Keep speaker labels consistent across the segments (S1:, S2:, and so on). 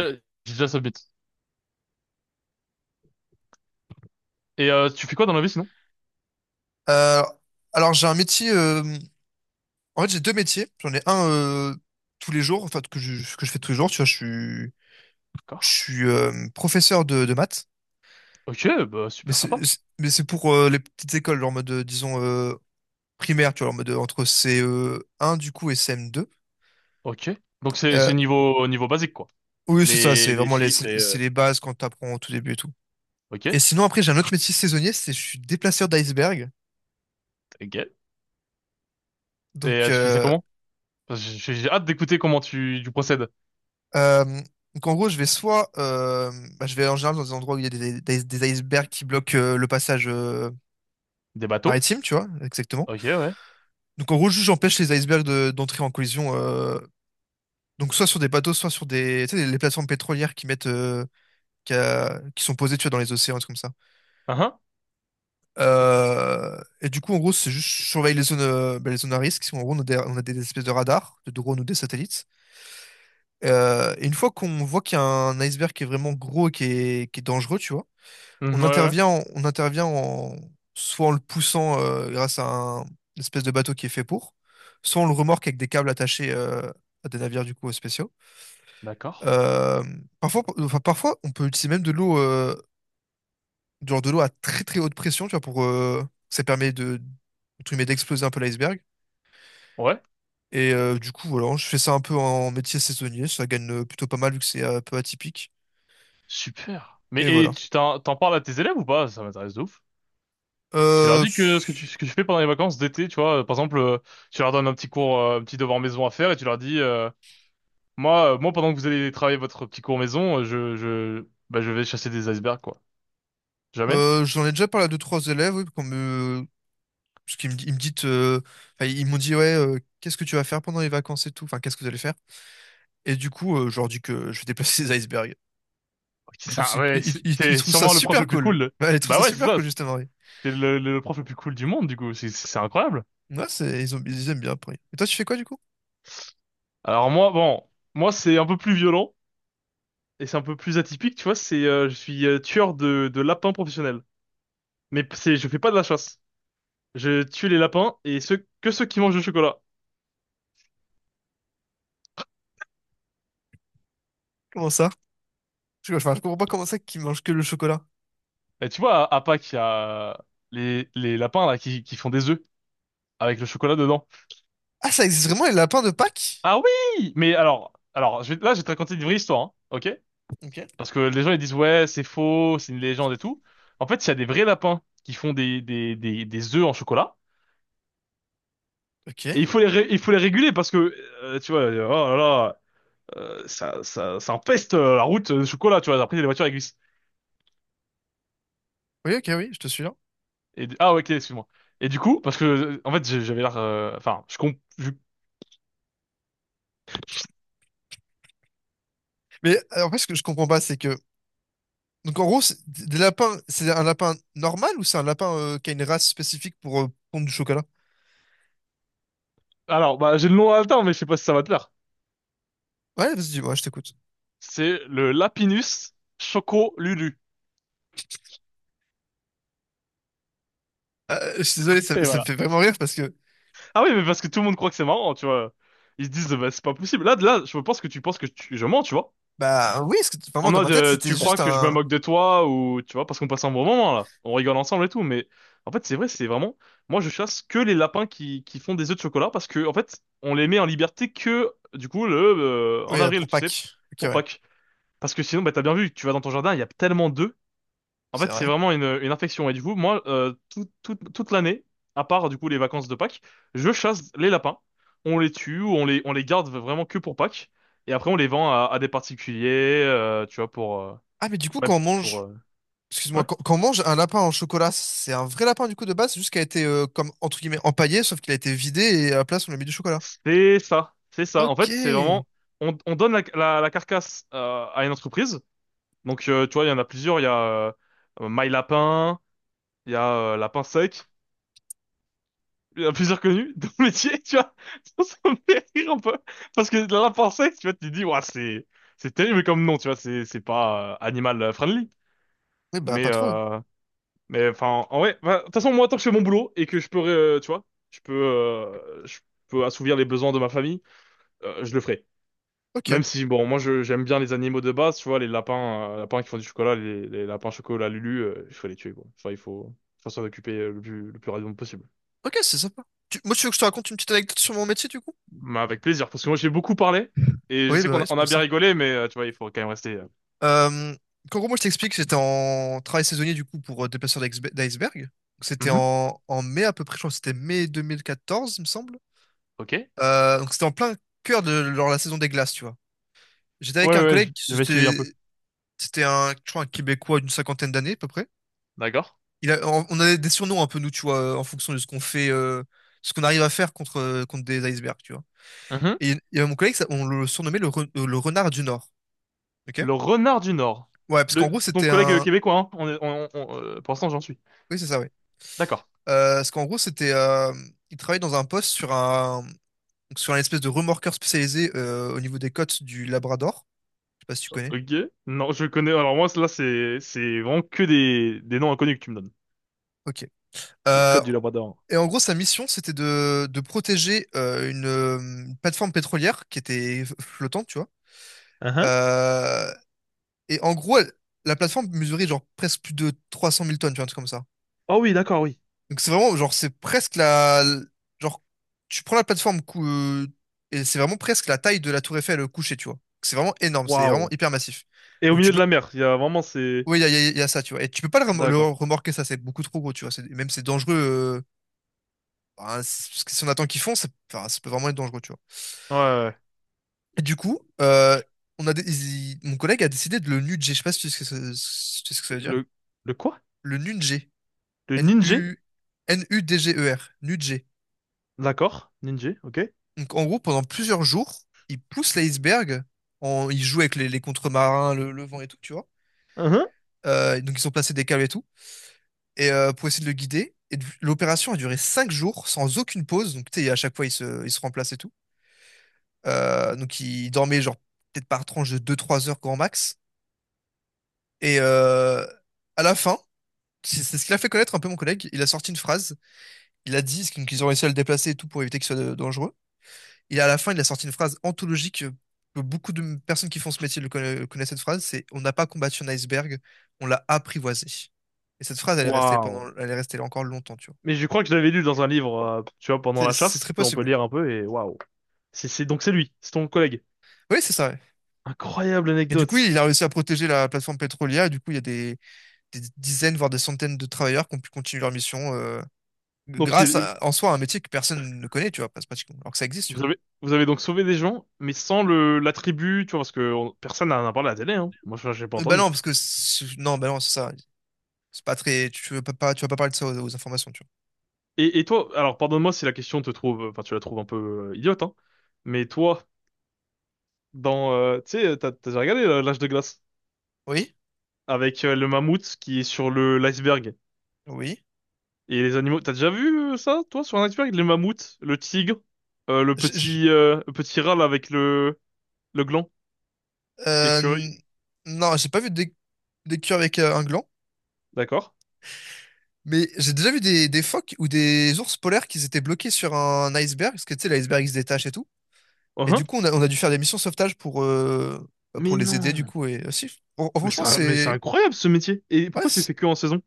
S1: Euh, J'ai déjà submit. Et tu fais quoi dans la vie sinon?
S2: Euh, alors j'ai un métier, en fait j'ai deux métiers. J'en ai un tous les jours, enfin que je fais tous les jours. Tu vois, je
S1: D'accord.
S2: suis professeur de maths,
S1: Ok, bah
S2: mais
S1: super sympa.
S2: mais c'est pour les petites écoles, genre en mode, disons, primaire, tu vois, en mode, entre CE1 du coup et CM2.
S1: Ok. Donc c'est
S2: Euh,
S1: c'est niveau basique quoi.
S2: oui, c'est ça,
S1: Les
S2: c'est
S1: les
S2: vraiment les,
S1: chiffres
S2: c'est
S1: et
S2: c'est
S1: euh,
S2: les bases quand t'apprends au tout début et tout.
S1: ok.
S2: Et sinon après j'ai un autre métier saisonnier, c'est je suis déplaceur d'iceberg.
S1: Ok. Et
S2: Donc
S1: tu fais ça
S2: euh,
S1: comment? Parce que j'ai hâte d'écouter comment tu procèdes.
S2: Euh, donc en gros, je vais soit, bah, je vais en général dans des endroits où il y a des icebergs qui bloquent le passage
S1: Des bateaux.
S2: maritime, tu vois, exactement.
S1: Ok, ouais.
S2: Donc en gros, juste j'empêche les icebergs d'entrer en collision, donc soit sur des bateaux, soit sur des, tu sais, les plateformes pétrolières qui qui sont posées, tu vois, dans les océans, des trucs comme ça.
S1: uh
S2: Et du coup, en gros, c'est juste je surveille les zones, bah, les zones à risque. En gros, on a des espèces de radars, de drones ou des satellites. Et une fois qu'on voit qu'il y a un iceberg qui est vraiment gros et qui est dangereux, tu vois.
S1: Mhm, ouais, ouais.
S2: On intervient en, soit en le poussant, grâce à un, une espèce de bateau qui est fait pour, soit on le remorque avec des câbles attachés, à des navires du coup spéciaux.
S1: D'accord.
S2: Euh, Parfois, on peut utiliser même de l'eau, du genre de l'eau à très très haute pression, tu vois, pour ça permet de, entre guillemets, d'exploser un peu l'iceberg.
S1: Ouais.
S2: Du coup, voilà, je fais ça un peu en métier saisonnier, ça gagne plutôt pas mal vu que c'est un peu atypique.
S1: Super. Mais
S2: Et
S1: et
S2: voilà.
S1: tu t'en parles à tes élèves ou pas? Ça m'intéresse de ouf. Tu leur
S2: Euh,
S1: dis que
S2: s-
S1: ce que tu fais pendant les vacances d'été, tu vois, par exemple, tu leur donnes un petit cours, un petit devoir maison à faire et tu leur dis. Moi, pendant que vous allez travailler votre petit cours maison, bah, je vais chasser des icebergs, quoi. Jamais?
S2: J'en ai déjà parlé à deux, trois élèves, oui, Parce qu'ils me, di- ils me dit, enfin, ils m'ont dit, ouais, qu'est-ce que tu vas faire pendant les vacances et tout? Enfin, qu'est-ce que vous allez faire? Et du coup, je leur dis que je vais déplacer des icebergs. Ils
S1: C'est
S2: trouvent,
S1: ça,
S2: si-
S1: ouais,
S2: ils- ils- Ils
S1: t'es
S2: trouvent ça
S1: sûrement le prof
S2: super
S1: le plus
S2: cool.
S1: cool.
S2: Ouais, ils trouvent
S1: Bah
S2: ça
S1: ouais, c'est
S2: super
S1: ça.
S2: cool, justement. Oui.
S1: T'es le prof le plus cool du monde, du coup. C'est incroyable.
S2: Ouais, ils aiment bien après. Et toi, tu fais quoi, du coup?
S1: Alors moi, bon, moi, c'est un peu plus violent et c'est un peu plus atypique, tu vois. C'est, je suis tueur de lapins professionnel. Mais c'est, je fais pas de la chasse. Je tue les lapins et ceux qui mangent du chocolat.
S2: Comment ça? Je comprends pas comment ça qu'ils mangent que le chocolat.
S1: Et tu vois, à Pâques, il y a les lapins, là, qui font des œufs avec le chocolat dedans.
S2: Ah, ça existe vraiment, les lapins de Pâques?
S1: Ah oui! Mais alors là, je vais te raconter une vraie histoire, hein, ok?
S2: Ok,
S1: Parce que les gens, ils disent, ouais, c'est faux, c'est une légende et tout. En fait, il y a des vrais lapins qui font des œufs en chocolat.
S2: ok.
S1: Et il faut il faut les réguler parce que, tu vois, oh là là, ça empeste la route de chocolat, tu vois. Après, les voitures, elles glissent.
S2: Oui, ok, oui, je te suis là.
S1: Et, ah, ouais, ok, excuse-moi. Et du coup, parce que, en fait, j'avais l'air, enfin,
S2: Mais, en fait, ce que je comprends pas, c'est que... Donc en gros, des lapins, c'est un lapin normal ou c'est un lapin, qui a une race spécifique pour pondre du chocolat?
S1: alors, bah, j'ai le nom haletant, mais je sais pas si ça va te plaire.
S2: Ouais, vas-y, ouais, je t'écoute.
S1: C'est le Lapinus Choco Lulu.
S2: Je suis désolé, ça me fait vraiment rire parce que...
S1: Ah oui, mais parce que tout le monde croit que c'est marrant, tu vois. Ils se disent, bah, c'est pas possible. Là, je pense que tu penses que je mens, tu vois.
S2: Bah oui, parce que
S1: En
S2: vraiment, dans ma
S1: mode,
S2: tête, c'était
S1: tu crois
S2: juste
S1: que je me
S2: un...
S1: moque de toi ou, tu vois, parce qu'on passe un bon moment, là. On rigole ensemble et tout, mais en fait, c'est vrai, c'est vraiment, moi, je chasse que les lapins qui font des œufs de chocolat parce que, en fait, on les met en liberté que, du coup,
S2: Oui,
S1: en avril,
S2: pour
S1: tu sais,
S2: Pâques. Ok,
S1: pour
S2: ouais,
S1: Pâques. Parce que sinon, bah, t'as bien vu, tu vas dans ton jardin, il y a tellement d'œufs en
S2: c'est
S1: fait, c'est
S2: vrai.
S1: vraiment une infection. Et du coup, moi, toute l'année, à part du coup les vacances de Pâques, je chasse les lapins. On les tue ou on on les garde vraiment que pour Pâques. Et après, on les vend à des particuliers, tu vois, pour...
S2: Ah, mais du coup,
S1: ouais,
S2: quand on
S1: pour...
S2: mange...
S1: ouais.
S2: Excuse-moi, quand on mange un lapin en chocolat, c'est un vrai lapin du coup de base, c'est juste qu'il a été, comme, entre guillemets, empaillé, sauf qu'il a été vidé et à la place, on a mis du chocolat.
S1: C'est ça. C'est ça. En
S2: Ok.
S1: fait, c'est vraiment... on donne la carcasse à une entreprise. Donc, tu vois, il y en a plusieurs. Il y a euh, My Lapin, il y a Lapin Sec. Il y en a plusieurs connus dans le métier, tu vois. Ça me fait rire un peu. Parce que dans la pensée, tu vois, tu te dis, ouais, c'est terrible comme nom, tu vois, c'est pas animal friendly.
S2: Oui, bah
S1: Mais,
S2: pas trop, oui.
S1: euh, mais enfin, en vrai, enfin, de toute façon, moi, tant que je fais mon boulot et que je peux, tu vois, je peux assouvir les besoins de ma famille, je le ferai.
S2: Ok.
S1: Même si, bon, moi, je, j'aime bien les animaux de base, tu vois, les lapins, lapins qui font du chocolat, les lapins chocolat Lulu, il faut les tuer, quoi. Enfin, il faut s'en occuper le plus rapidement possible.
S2: Ok, c'est sympa. Moi, tu veux que je te raconte une petite anecdote sur mon métier, du coup?
S1: Bah, avec plaisir, parce que moi j'ai beaucoup parlé et je
S2: Oui,
S1: sais
S2: bah
S1: qu'on
S2: oui,
S1: a,
S2: c'est
S1: on a
S2: pour
S1: bien
S2: ça.
S1: rigolé, mais tu vois, il faut quand même rester.
S2: Euh, Qu'en gros, moi, je t'explique, j'étais en travail saisonnier, du coup, pour d'iceberg. Donc,
S1: Mhm,
S2: en mai, à peu près, je crois que c'était mai 2014, il me semble.
S1: ok, ouais,
S2: Donc, c'était en plein cœur de genre, la saison des glaces, tu vois. J'étais
S1: ouais,
S2: avec un
S1: ouais,
S2: collègue,
S1: j'avais suivi un
S2: c'était
S1: peu.
S2: c'était un, je crois, un Québécois d'une cinquantaine d'années, à peu près.
S1: D'accord.
S2: On avait des surnoms un peu, nous, tu vois, en fonction de ce qu'on fait, ce qu'on arrive à faire contre des icebergs, tu vois.
S1: Mhm.
S2: Et il mon collègue, on le surnommait le renard du Nord. Ok?
S1: Le renard du Nord.
S2: Ouais, parce qu'en
S1: Le,
S2: gros,
S1: ton
S2: c'était
S1: collègue
S2: un.
S1: québécois, hein. On est- on- Pour l'instant, j'en suis.
S2: Oui, c'est ça, oui.
S1: D'accord.
S2: Parce qu'en gros, c'était. Il travaillait dans un poste sur un, donc sur un espèce de remorqueur spécialisé, au niveau des côtes du Labrador. Je sais pas si tu connais.
S1: Ok. Non, je connais. Alors moi, là, c'est vraiment que des noms inconnus que tu me donnes.
S2: Ok.
S1: Les
S2: Euh,
S1: codes du Labrador.
S2: et en gros, sa mission, c'était de protéger, une plateforme pétrolière qui était flottante, tu vois.
S1: Mhm.
S2: Euh, et en gros, la plateforme mesurait genre presque plus de 300 000 tonnes, tu vois, un truc comme ça.
S1: Oh oui, d'accord, oui.
S2: Donc c'est vraiment, genre, c'est presque la... Genre, tu prends la plateforme et c'est vraiment presque la taille de la tour Eiffel, couchée, tu vois. C'est vraiment énorme, c'est vraiment
S1: Waouh.
S2: hyper massif.
S1: Et au
S2: Donc
S1: milieu
S2: tu
S1: de la
S2: peux...
S1: mer, il y a vraiment ces.
S2: Oui, il y a ça, tu vois. Et tu peux pas le
S1: D'accord.
S2: remorquer, ça, c'est beaucoup trop gros, tu vois. Même c'est dangereux. Bah, parce que si on attend qu'ils font, ça, enfin, ça peut vraiment être dangereux, tu vois.
S1: Ouais, ouais.
S2: Et du coup, on a dé- il- mon collègue a décidé de le nuger. Je sais pas si tu sais ce que, ça- si tu sais ce que ça veut dire.
S1: Le le quoi?
S2: Le nuger.
S1: Le ninja.
S2: N-U... Nudger. Nuger.
S1: D'accord. Ninja. Ok.
S2: Donc, en gros, pendant plusieurs jours, ils poussent l'iceberg. En... Ils jouent avec les contre-marins, le vent et tout, tu vois. Donc, ils ont placé des câbles et tout. Et, pour essayer de le guider. L'opération a duré 5 jours sans aucune pause. Donc, tu sais, à chaque fois, ils se remplacent et tout. Donc, ils dormaient, genre, peut-être par tranche de 2-3 heures grand max. Et euh, à la fin, c'est ce qui l'a fait connaître un peu mon collègue. Il a sorti une phrase. Il a dit, donc, ils ont réussi à le déplacer et tout pour éviter qu'il soit, dangereux. Et à la fin, il a sorti une phrase anthologique, que beaucoup de personnes qui font ce métier connaissent cette phrase. C'est: on n'a pas combattu un iceberg, on l'a apprivoisé. Et cette phrase,
S1: Waouh.
S2: elle est restée là encore longtemps, tu vois.
S1: Mais je crois que je l'avais lu dans un livre, tu vois, pendant
S2: C'est
S1: la
S2: c'est très
S1: chasse. On peut
S2: possible. Ouais.
S1: lire un peu et waouh. C'est, donc c'est lui, c'est ton collègue.
S2: Oui, c'est ça. Ouais.
S1: Incroyable
S2: Et du coup,
S1: anecdote.
S2: il a réussi à protéger la plateforme pétrolière. Et du coup, il y a des dizaines, voire des centaines de travailleurs qui ont pu continuer leur mission,
S1: Donc
S2: grâce
S1: il-
S2: à, en soi à un métier que personne ne connaît, tu vois, pratiquement, alors que ça existe, tu vois.
S1: vous avez donc sauvé des gens, mais sans l'attribut, tu vois, parce que personne n'en a parlé à la télé, hein. Moi, je, j'ai pas
S2: Bah
S1: entendu.
S2: non, parce que non, bah non, c'est ça. C'est pas très. Tu vas pas parler de ça, aux informations, tu
S1: Et toi, alors pardonne-moi si la question te trouve, enfin tu la trouves un peu idiote, hein. Mais toi, dans, tu sais, t'as déjà regardé l'âge de glace
S2: vois. Oui,
S1: avec le mammouth qui est sur le l'iceberg.
S2: oui.
S1: Et les animaux, t'as déjà vu ça, toi, sur un iceberg? Les mammouths, le tigre,
S2: je-
S1: le petit râle avec le gland,
S2: Euh,
S1: l'écureuil,
S2: non, j'ai pas vu des queues avec, un gland,
S1: d'accord?
S2: mais j'ai déjà vu des phoques ou des ours polaires qui étaient bloqués sur un iceberg, parce que tu sais, l'iceberg il se détache et tout. Et
S1: Uhum.
S2: du coup, on a dû faire des missions sauvetage pour, bah,
S1: Mais
S2: pour les aider, du
S1: non!
S2: coup. Et aussi, franchement,
S1: Mais c'est
S2: c'est.
S1: incroyable ce métier! Et
S2: Ouais,
S1: pourquoi tu le fais que en saison?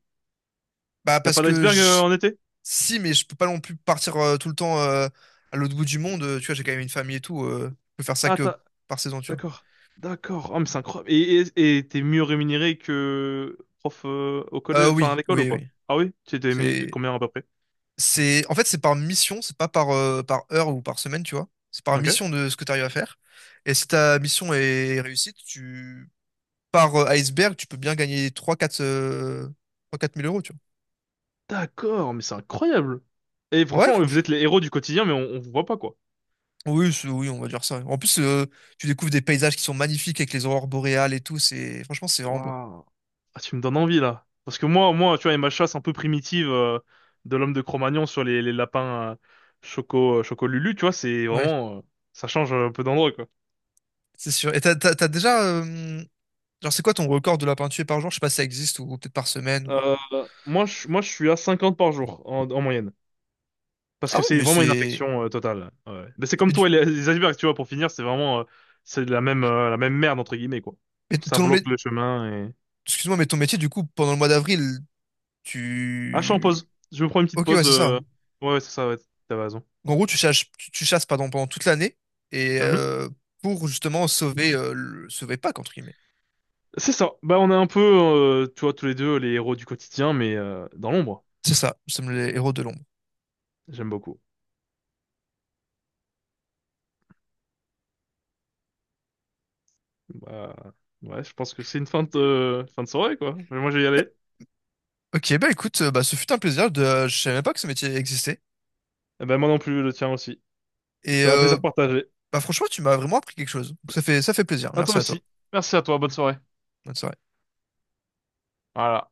S2: bah,
S1: Y a
S2: parce
S1: pas
S2: que
S1: d'iceberg en été?
S2: si, mais je peux pas non plus partir, tout le temps, à l'autre bout du monde, tu vois, j'ai quand même une famille et tout, je peux faire ça
S1: Ah,
S2: que
S1: t'as,
S2: par saison, tu vois.
S1: d'accord, d'accord. Ah mais c'est incroyable. Et t'es mieux rémunéré que prof au collège, enfin à
S2: Oui,
S1: l'école ou
S2: oui,
S1: pas?
S2: oui.
S1: Ah oui? Tu étais aimé
S2: C'est.
S1: combien à peu près?
S2: En fait, c'est par mission, c'est pas par heure ou par semaine, tu vois. C'est par
S1: Ok.
S2: mission de ce que tu arrives à faire. Et si ta mission est réussie, par, iceberg, tu peux bien gagner trois quatre mille euros, tu
S1: D'accord, mais c'est incroyable! Et
S2: vois. Ouais,
S1: franchement, vous
S2: franchement.
S1: êtes les héros du quotidien, mais on vous voit pas quoi.
S2: Oui, oui, on va dire ça. En plus, tu découvres des paysages qui sont magnifiques avec les aurores boréales et tout. C'est, franchement, c'est vraiment beau.
S1: Waouh. Ah, tu me donnes envie là. Parce que moi, moi, tu vois, et ma chasse un peu primitive de l'homme de Cro-Magnon sur les lapins Choco, Choco Lulu, tu vois, c'est
S2: Ouais,
S1: vraiment, ça change un peu d'endroit quoi.
S2: c'est sûr. Et t'as déjà, genre, c'est quoi ton record de lapin tué par jour? Je sais pas si ça existe ou peut-être par semaine.
S1: Euh, moi, moi, je suis à 50 par jour en moyenne. Parce
S2: Ah
S1: que
S2: oui,
S1: c'est
S2: mais
S1: vraiment une
S2: c'est,
S1: infection totale. Ouais, ouais. Mais c'est comme
S2: mais du-
S1: toi et les icebergs, tu vois, pour finir, c'est vraiment, c'est la même merde entre guillemets quoi.
S2: mais
S1: Ça
S2: ton mé-
S1: bloque le chemin et.
S2: excuse-moi, ton métier, du coup, pendant le mois d'avril,
S1: Ah, je suis en
S2: tu...
S1: pause. Je me prends une petite
S2: Ok, ouais,
S1: pause.
S2: c'est ça. Ouais.
S1: euh, Ouais, ouais, c'est ça. Ouais, t'avais raison.
S2: En gros, tu chasses pardon, pendant toute l'année et,
S1: Mhm.
S2: pour justement sauver Pâques, entre guillemets.
S1: C'est ça. Bah, on est un peu, tu vois, tous les deux les héros du quotidien, mais dans l'ombre.
S2: C'est ça, nous sommes les héros de l'ombre.
S1: J'aime beaucoup. Bah, ouais, je pense que c'est une fin de fin de soirée, quoi. Mais moi, je vais y aller.
S2: Ok, bah écoute, bah, ce fut un plaisir. Je savais même pas que ce métier existait.
S1: Eh ben, moi non plus, le tien aussi.
S2: Et,
S1: C'était un plaisir partagé.
S2: bah, franchement, tu m'as vraiment appris quelque chose. Donc, ça fait plaisir.
S1: À toi
S2: Merci à toi.
S1: aussi. Merci à toi. Bonne soirée.
S2: Bonne soirée.
S1: Voilà.